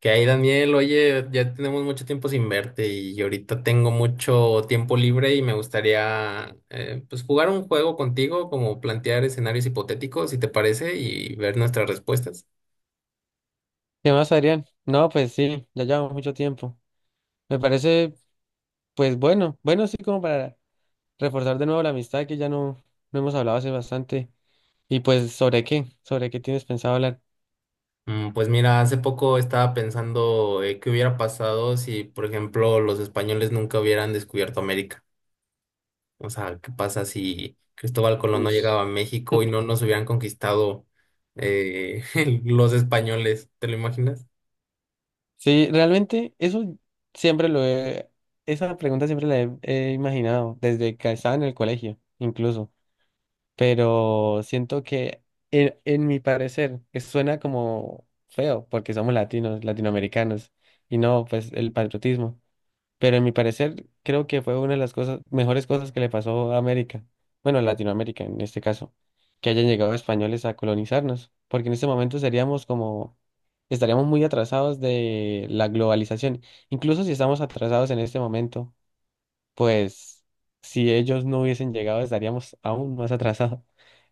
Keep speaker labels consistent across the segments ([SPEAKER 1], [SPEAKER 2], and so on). [SPEAKER 1] Daniel, oye, ya tenemos mucho tiempo sin verte y ahorita tengo mucho tiempo libre y me gustaría pues jugar un juego contigo, como plantear escenarios hipotéticos, si te parece, y ver nuestras respuestas.
[SPEAKER 2] ¿Qué más, Adrián? No, pues sí, ya llevamos mucho tiempo. Me parece, pues bueno, bueno, sí, como para reforzar de nuevo la amistad que ya no, no hemos hablado hace bastante. Y pues, ¿sobre qué? ¿Sobre qué tienes pensado hablar?
[SPEAKER 1] Pues mira, hace poco estaba pensando qué hubiera pasado si, por ejemplo, los españoles nunca hubieran descubierto América. O sea, ¿qué pasa si Cristóbal Colón no
[SPEAKER 2] Uy,
[SPEAKER 1] llegaba a México y no nos hubieran conquistado eh, los españoles? ¿Te lo imaginas?
[SPEAKER 2] sí, realmente eso siempre lo he, esa pregunta siempre la he imaginado, desde que estaba en el colegio, incluso. Pero siento que, en mi parecer, que suena como feo, porque somos latinos, latinoamericanos, y no, pues el patriotismo. Pero en mi parecer, creo que fue una de las cosas, mejores cosas que le pasó a América, bueno, a Latinoamérica en este caso, que hayan llegado españoles a colonizarnos, porque en este momento seríamos como, estaríamos muy atrasados de la globalización. Incluso si estamos atrasados en este momento, pues si ellos no hubiesen llegado, estaríamos aún más atrasados.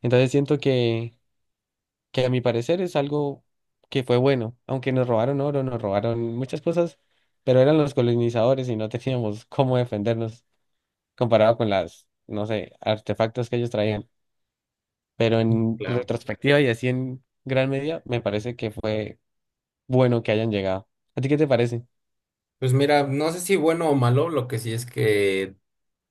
[SPEAKER 2] Entonces siento que a mi parecer es algo que fue bueno, aunque nos robaron oro, nos robaron muchas cosas, pero eran los colonizadores y no teníamos cómo defendernos comparado con las, no sé, artefactos que ellos traían. Pero en
[SPEAKER 1] Claro.
[SPEAKER 2] retrospectiva y así en gran medida, me parece que fue bueno que hayan llegado. ¿A ti qué te parece?
[SPEAKER 1] Pues mira, no sé si bueno o malo, lo que sí es que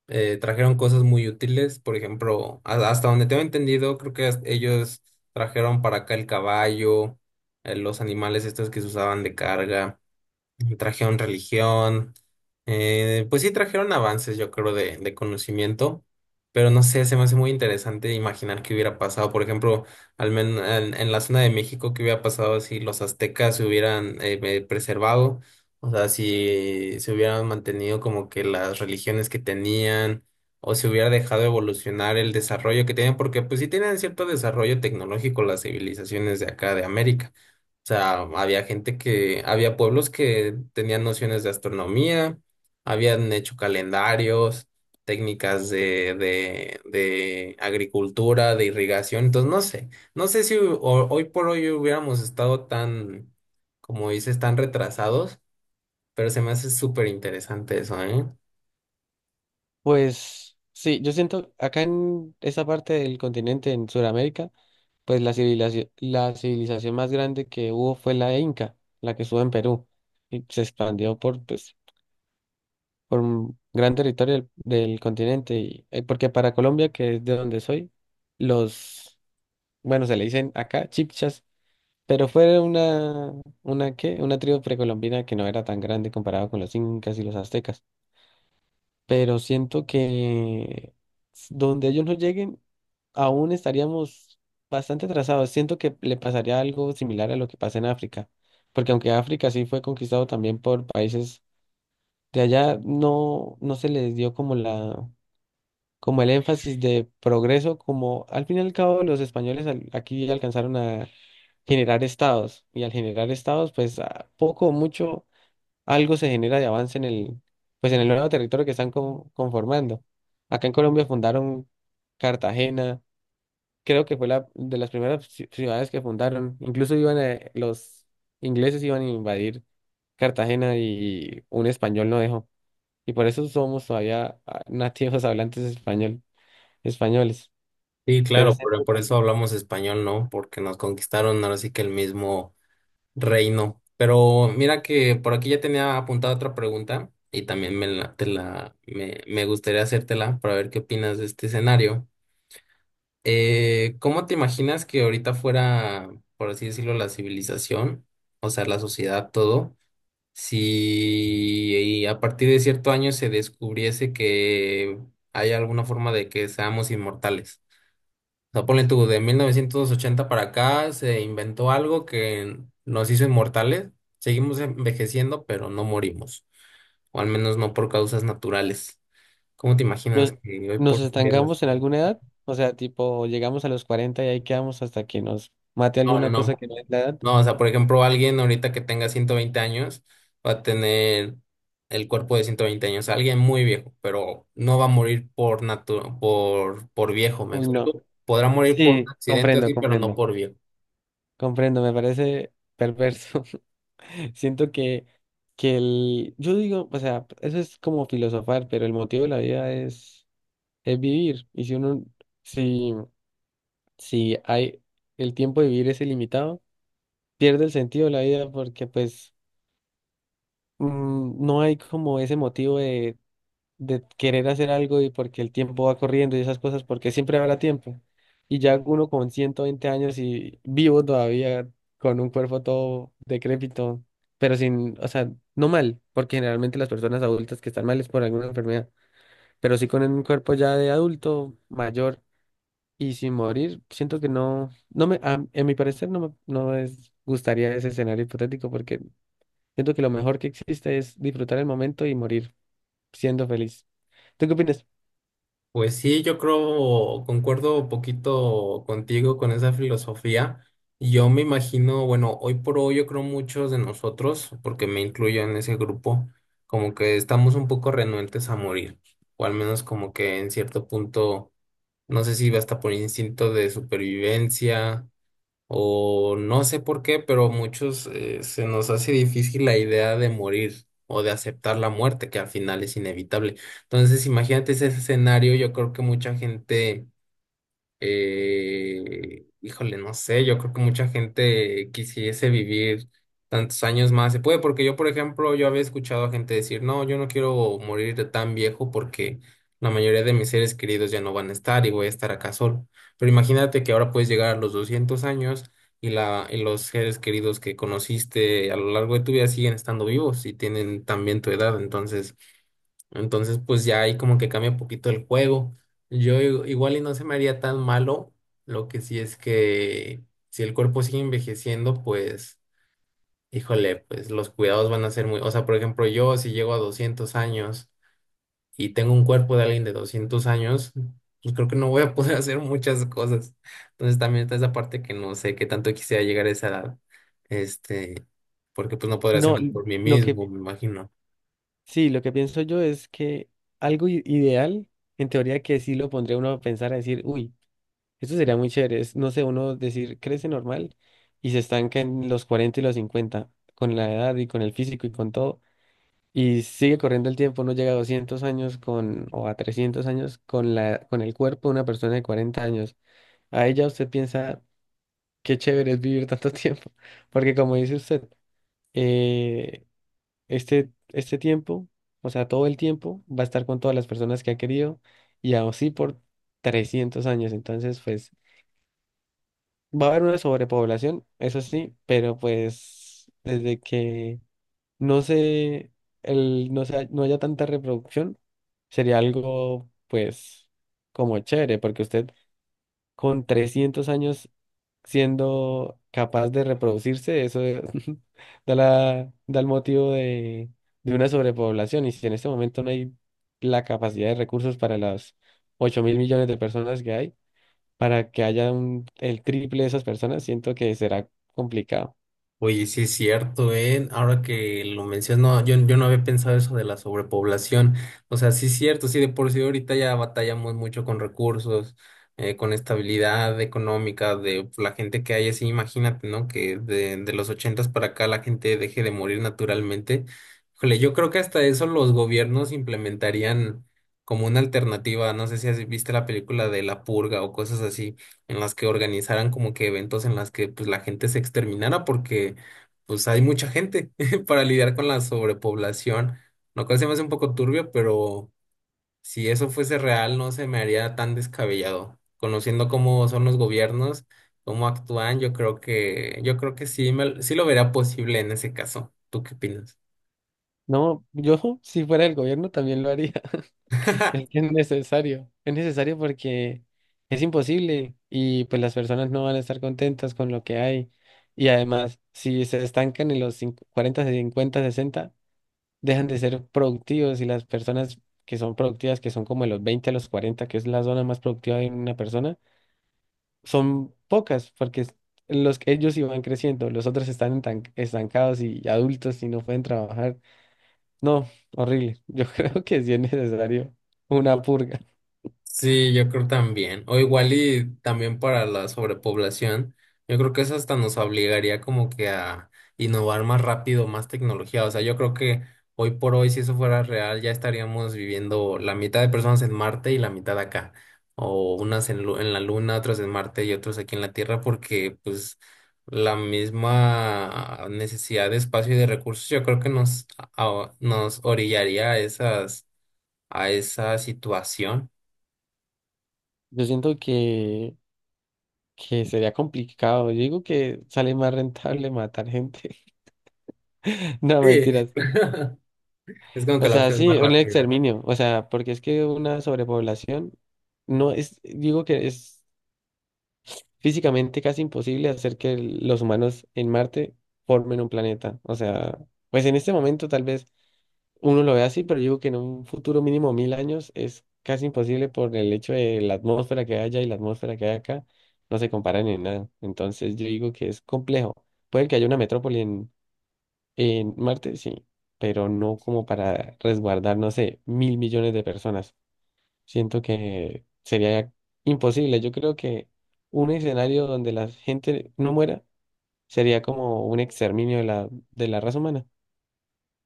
[SPEAKER 1] trajeron cosas muy útiles. Por ejemplo, hasta donde tengo entendido, creo que hasta ellos trajeron para acá el caballo, los animales estos que se usaban de carga trajeron religión, pues sí trajeron avances, yo creo, de conocimiento, pero no sé, se me hace muy interesante imaginar qué hubiera pasado, por ejemplo, al menos en la zona de México, qué hubiera pasado si los aztecas se hubieran preservado, o sea, si se hubieran mantenido como que las religiones que tenían, o se hubiera dejado evolucionar el desarrollo que tenían, porque pues sí tienen cierto desarrollo tecnológico las civilizaciones de acá de América, sea, había gente que, había pueblos que tenían nociones de astronomía, habían hecho calendarios, técnicas de agricultura, de irrigación. Entonces, no sé, no sé si hoy por hoy hubiéramos estado tan, como dices, tan retrasados, pero se me hace súper interesante eso, ¿eh?
[SPEAKER 2] Pues sí, yo siento acá en esa parte del continente, en Sudamérica, pues la civilización más grande que hubo fue la Inca, la que estuvo en Perú y se expandió por pues, por un gran territorio del continente. Y, porque para Colombia, que es de donde soy, los, bueno, se le dicen acá chipchas, pero fue una, ¿qué? Una tribu precolombina que no era tan grande comparado con los incas y los aztecas. Pero siento que donde ellos no lleguen, aún estaríamos bastante atrasados. Siento que le pasaría algo similar a lo que pasa en África. Porque aunque África sí fue conquistado también por países de allá, no, no se les dio como la, como el énfasis de progreso, como al fin y al cabo los españoles aquí alcanzaron a generar estados y al generar estados, pues a poco o mucho algo se genera de avance en el, pues en el nuevo territorio que están conformando. Acá en Colombia fundaron Cartagena, creo que fue la de las primeras ciudades que fundaron, incluso iban a, los ingleses iban a invadir Cartagena y un español no dejó. Y por eso somos todavía ah, nativos hablantes español, españoles.
[SPEAKER 1] Sí,
[SPEAKER 2] Pero
[SPEAKER 1] claro, pero
[SPEAKER 2] siempre
[SPEAKER 1] por eso hablamos español, ¿no? Porque nos conquistaron, ahora sí que el mismo Reino. Pero mira que por aquí ya tenía apuntada otra pregunta y también me, la, te la, me gustaría hacértela para ver qué opinas de este escenario. ¿Cómo te imaginas que ahorita fuera, por así decirlo, la civilización, o sea, la sociedad, todo, si a partir de cierto año se descubriese que hay alguna forma de que seamos inmortales? O sea, ponle tú, de 1980 para acá se inventó algo que nos hizo inmortales. Seguimos envejeciendo, pero no morimos. O al menos no por causas naturales. ¿Cómo te imaginas
[SPEAKER 2] nos,
[SPEAKER 1] que hoy
[SPEAKER 2] nos
[SPEAKER 1] por día las...
[SPEAKER 2] estancamos en alguna edad, o sea, tipo, llegamos a los 40 y ahí quedamos hasta que nos mate
[SPEAKER 1] No, no,
[SPEAKER 2] alguna cosa
[SPEAKER 1] no.
[SPEAKER 2] que no es la edad.
[SPEAKER 1] No, o sea, por ejemplo, alguien ahorita que tenga 120 años va a tener el cuerpo de 120 años. Alguien muy viejo, pero no va a morir por natu por viejo, ¿me
[SPEAKER 2] Uy, no.
[SPEAKER 1] explico? Podrá morir por
[SPEAKER 2] Sí,
[SPEAKER 1] accidente
[SPEAKER 2] comprendo,
[SPEAKER 1] así, pero no
[SPEAKER 2] comprendo,
[SPEAKER 1] por viejo.
[SPEAKER 2] comprendo, me parece perverso. Siento que el, yo digo, o sea, eso es como filosofar, pero el motivo de la vida es vivir. Y si uno, si, si hay, el tiempo de vivir es ilimitado, pierde el sentido de la vida porque pues no hay como ese motivo de querer hacer algo y porque el tiempo va corriendo y esas cosas, porque siempre habrá tiempo. Y ya uno con 120 años y vivo todavía con un cuerpo todo decrépito, pero sin, o sea, no mal, porque generalmente las personas adultas que están mal es por alguna enfermedad, pero sí con un cuerpo ya de adulto mayor y sin morir, siento que no, no me, a, en mi parecer no me, no es, gustaría ese escenario hipotético porque siento que lo mejor que existe es disfrutar el momento y morir siendo feliz. ¿Tú qué opinas?
[SPEAKER 1] Pues sí, yo creo, concuerdo un poquito contigo con esa filosofía. Yo me imagino, bueno, hoy por hoy yo creo muchos de nosotros, porque me incluyo en ese grupo, como que estamos un poco renuentes a morir, o al menos como que en cierto punto, no sé si va hasta por instinto de supervivencia o no sé por qué, pero muchos se nos hace difícil la idea de morir o de aceptar la muerte, que al final es inevitable. Entonces, imagínate ese escenario, yo creo que mucha gente híjole, no sé, yo creo que mucha gente quisiese vivir tantos años más. Se puede, porque yo, por ejemplo, yo había escuchado a gente decir, no, yo no quiero morir de tan viejo porque la mayoría de mis seres queridos ya no van a estar y voy a estar acá solo. Pero imagínate que ahora puedes llegar a los 200 años y, y los seres queridos que conociste a lo largo de tu vida siguen estando vivos y tienen también tu edad. Entonces, pues ya ahí como que cambia un poquito el juego. Yo igual y no se me haría tan malo. Lo que sí es que si el cuerpo sigue envejeciendo, pues, híjole, pues los cuidados van a ser muy... O sea, por ejemplo, yo si llego a 200 años y tengo un cuerpo de alguien de 200 años, pues creo que no voy a poder hacer muchas cosas. Entonces también está esa parte que no sé qué tanto quisiera llegar a esa edad. Este, porque pues no podré hacer
[SPEAKER 2] No,
[SPEAKER 1] nada por mí
[SPEAKER 2] lo que
[SPEAKER 1] mismo, me imagino.
[SPEAKER 2] sí, lo que pienso yo es que algo ideal, en teoría que sí lo pondría uno a pensar, a decir, uy, esto sería muy chévere, es, no sé, uno decir, crece normal y se estanca en los 40 y los 50 con la edad y con el físico y con todo, y sigue corriendo el tiempo, uno llega a 200 años con, o a 300 años con la, con el cuerpo de una persona de 40 años. A ella usted piensa, qué chévere es vivir tanto tiempo, porque como dice usted, eh, este, este tiempo, o sea, todo el tiempo, va a estar con todas las personas que ha querido y así por 300 años. Entonces, pues, va a haber una sobrepoblación, eso sí, pero pues, desde que no se, el, no se, no haya tanta reproducción, sería algo, pues, como chévere, porque usted con 300 años siendo capaz de reproducirse, eso es- da la, da el motivo de una sobrepoblación. Y si en este momento no hay la capacidad de recursos para las 8 mil millones de personas que hay, para que haya el triple de esas personas, siento que será complicado.
[SPEAKER 1] Oye, sí es cierto, ¿eh? Ahora que lo menciono, yo no había pensado eso de la sobrepoblación. O sea, sí es cierto, sí, de por sí ahorita ya batallamos mucho con recursos, con estabilidad económica de la gente que hay, así imagínate, ¿no? Que de los ochentas para acá la gente deje de morir naturalmente. Híjole, yo creo que hasta eso los gobiernos implementarían como una alternativa. No sé si has visto la película de La Purga o cosas así en las que organizaran como que eventos en las que pues la gente se exterminara porque pues hay mucha gente para lidiar con la sobrepoblación, lo cual se me hace un poco turbio, pero si eso fuese real no se me haría tan descabellado. Conociendo cómo son los gobiernos, cómo actúan, yo creo que sí me, sí lo vería posible en ese caso. ¿Tú qué opinas?
[SPEAKER 2] No, yo si fuera el gobierno también lo haría. Es que es necesario porque es imposible y pues las personas no van a estar contentas con lo que hay. Y además, si se estancan en los 40, 50 60 dejan de ser productivos y las personas que son productivas, que son como de los 20 a los 40 que es la zona más productiva de una persona, son pocas porque los que ellos iban creciendo, los otros están estancados y adultos y no pueden trabajar. No, horrible. Yo creo que sí es necesario una purga.
[SPEAKER 1] Sí, yo creo también. O igual y también para la sobrepoblación, yo creo que eso hasta nos obligaría como que a innovar más rápido, más tecnología. O sea, yo creo que hoy por hoy, si eso fuera real, ya estaríamos viviendo la mitad de personas en Marte y la mitad acá. O unas en, en la Luna, otras en Marte y otros aquí en la Tierra, porque pues la misma necesidad de espacio y de recursos, yo creo que nos, nos orillaría a esas, a esa situación.
[SPEAKER 2] Yo siento que sería complicado. Yo digo que sale más rentable matar gente. No,
[SPEAKER 1] Sí,
[SPEAKER 2] mentiras.
[SPEAKER 1] es como que
[SPEAKER 2] O
[SPEAKER 1] la
[SPEAKER 2] sea,
[SPEAKER 1] opción más
[SPEAKER 2] sí, un
[SPEAKER 1] rápida.
[SPEAKER 2] exterminio. O sea, porque es que una sobrepoblación no es, digo que es físicamente casi imposible hacer que los humanos en Marte formen un planeta. O sea, pues en este momento tal vez. Uno lo ve así, pero yo digo que en un futuro mínimo mil años es casi imposible por el hecho de la atmósfera que hay allá y la atmósfera que hay acá, no se comparan en nada. Entonces yo digo que es complejo. Puede que haya una metrópoli en Marte, sí, pero no como para resguardar, no sé, mil millones de personas. Siento que sería imposible. Yo creo que un escenario donde la gente no muera sería como un exterminio de la raza humana.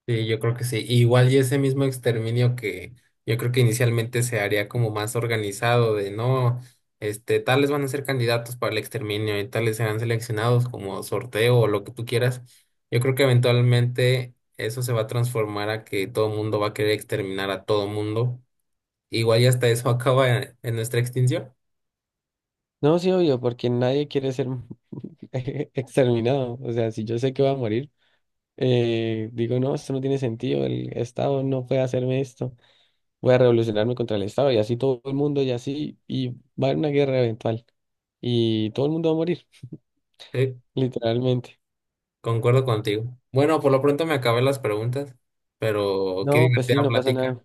[SPEAKER 1] Sí, yo creo que sí. Igual y ese mismo exterminio que yo creo que inicialmente se haría como más organizado de no, este, tales van a ser candidatos para el exterminio y tales serán seleccionados como sorteo o lo que tú quieras. Yo creo que eventualmente eso se va a transformar a que todo mundo va a querer exterminar a todo mundo. Igual y hasta eso acaba en nuestra extinción.
[SPEAKER 2] No, sí, obvio, porque nadie quiere ser exterminado. O sea, si yo sé que voy a morir, digo, no, esto no tiene sentido, el Estado no puede hacerme esto, voy a revolucionarme contra el Estado y así todo el mundo y así, y va a haber una guerra eventual y todo el mundo va a morir,
[SPEAKER 1] Sí.
[SPEAKER 2] literalmente.
[SPEAKER 1] Concuerdo contigo. Bueno, por lo pronto me acabé las preguntas, pero qué
[SPEAKER 2] No, pues sí,
[SPEAKER 1] divertida
[SPEAKER 2] no pasa
[SPEAKER 1] plática.
[SPEAKER 2] nada.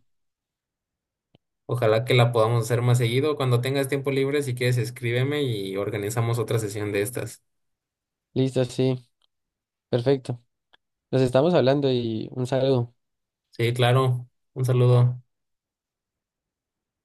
[SPEAKER 1] Ojalá que la podamos hacer más seguido. Cuando tengas tiempo libre, si quieres, escríbeme y organizamos otra sesión de estas.
[SPEAKER 2] Listo, sí, perfecto. Nos estamos hablando y un saludo.
[SPEAKER 1] Sí, claro. Un saludo.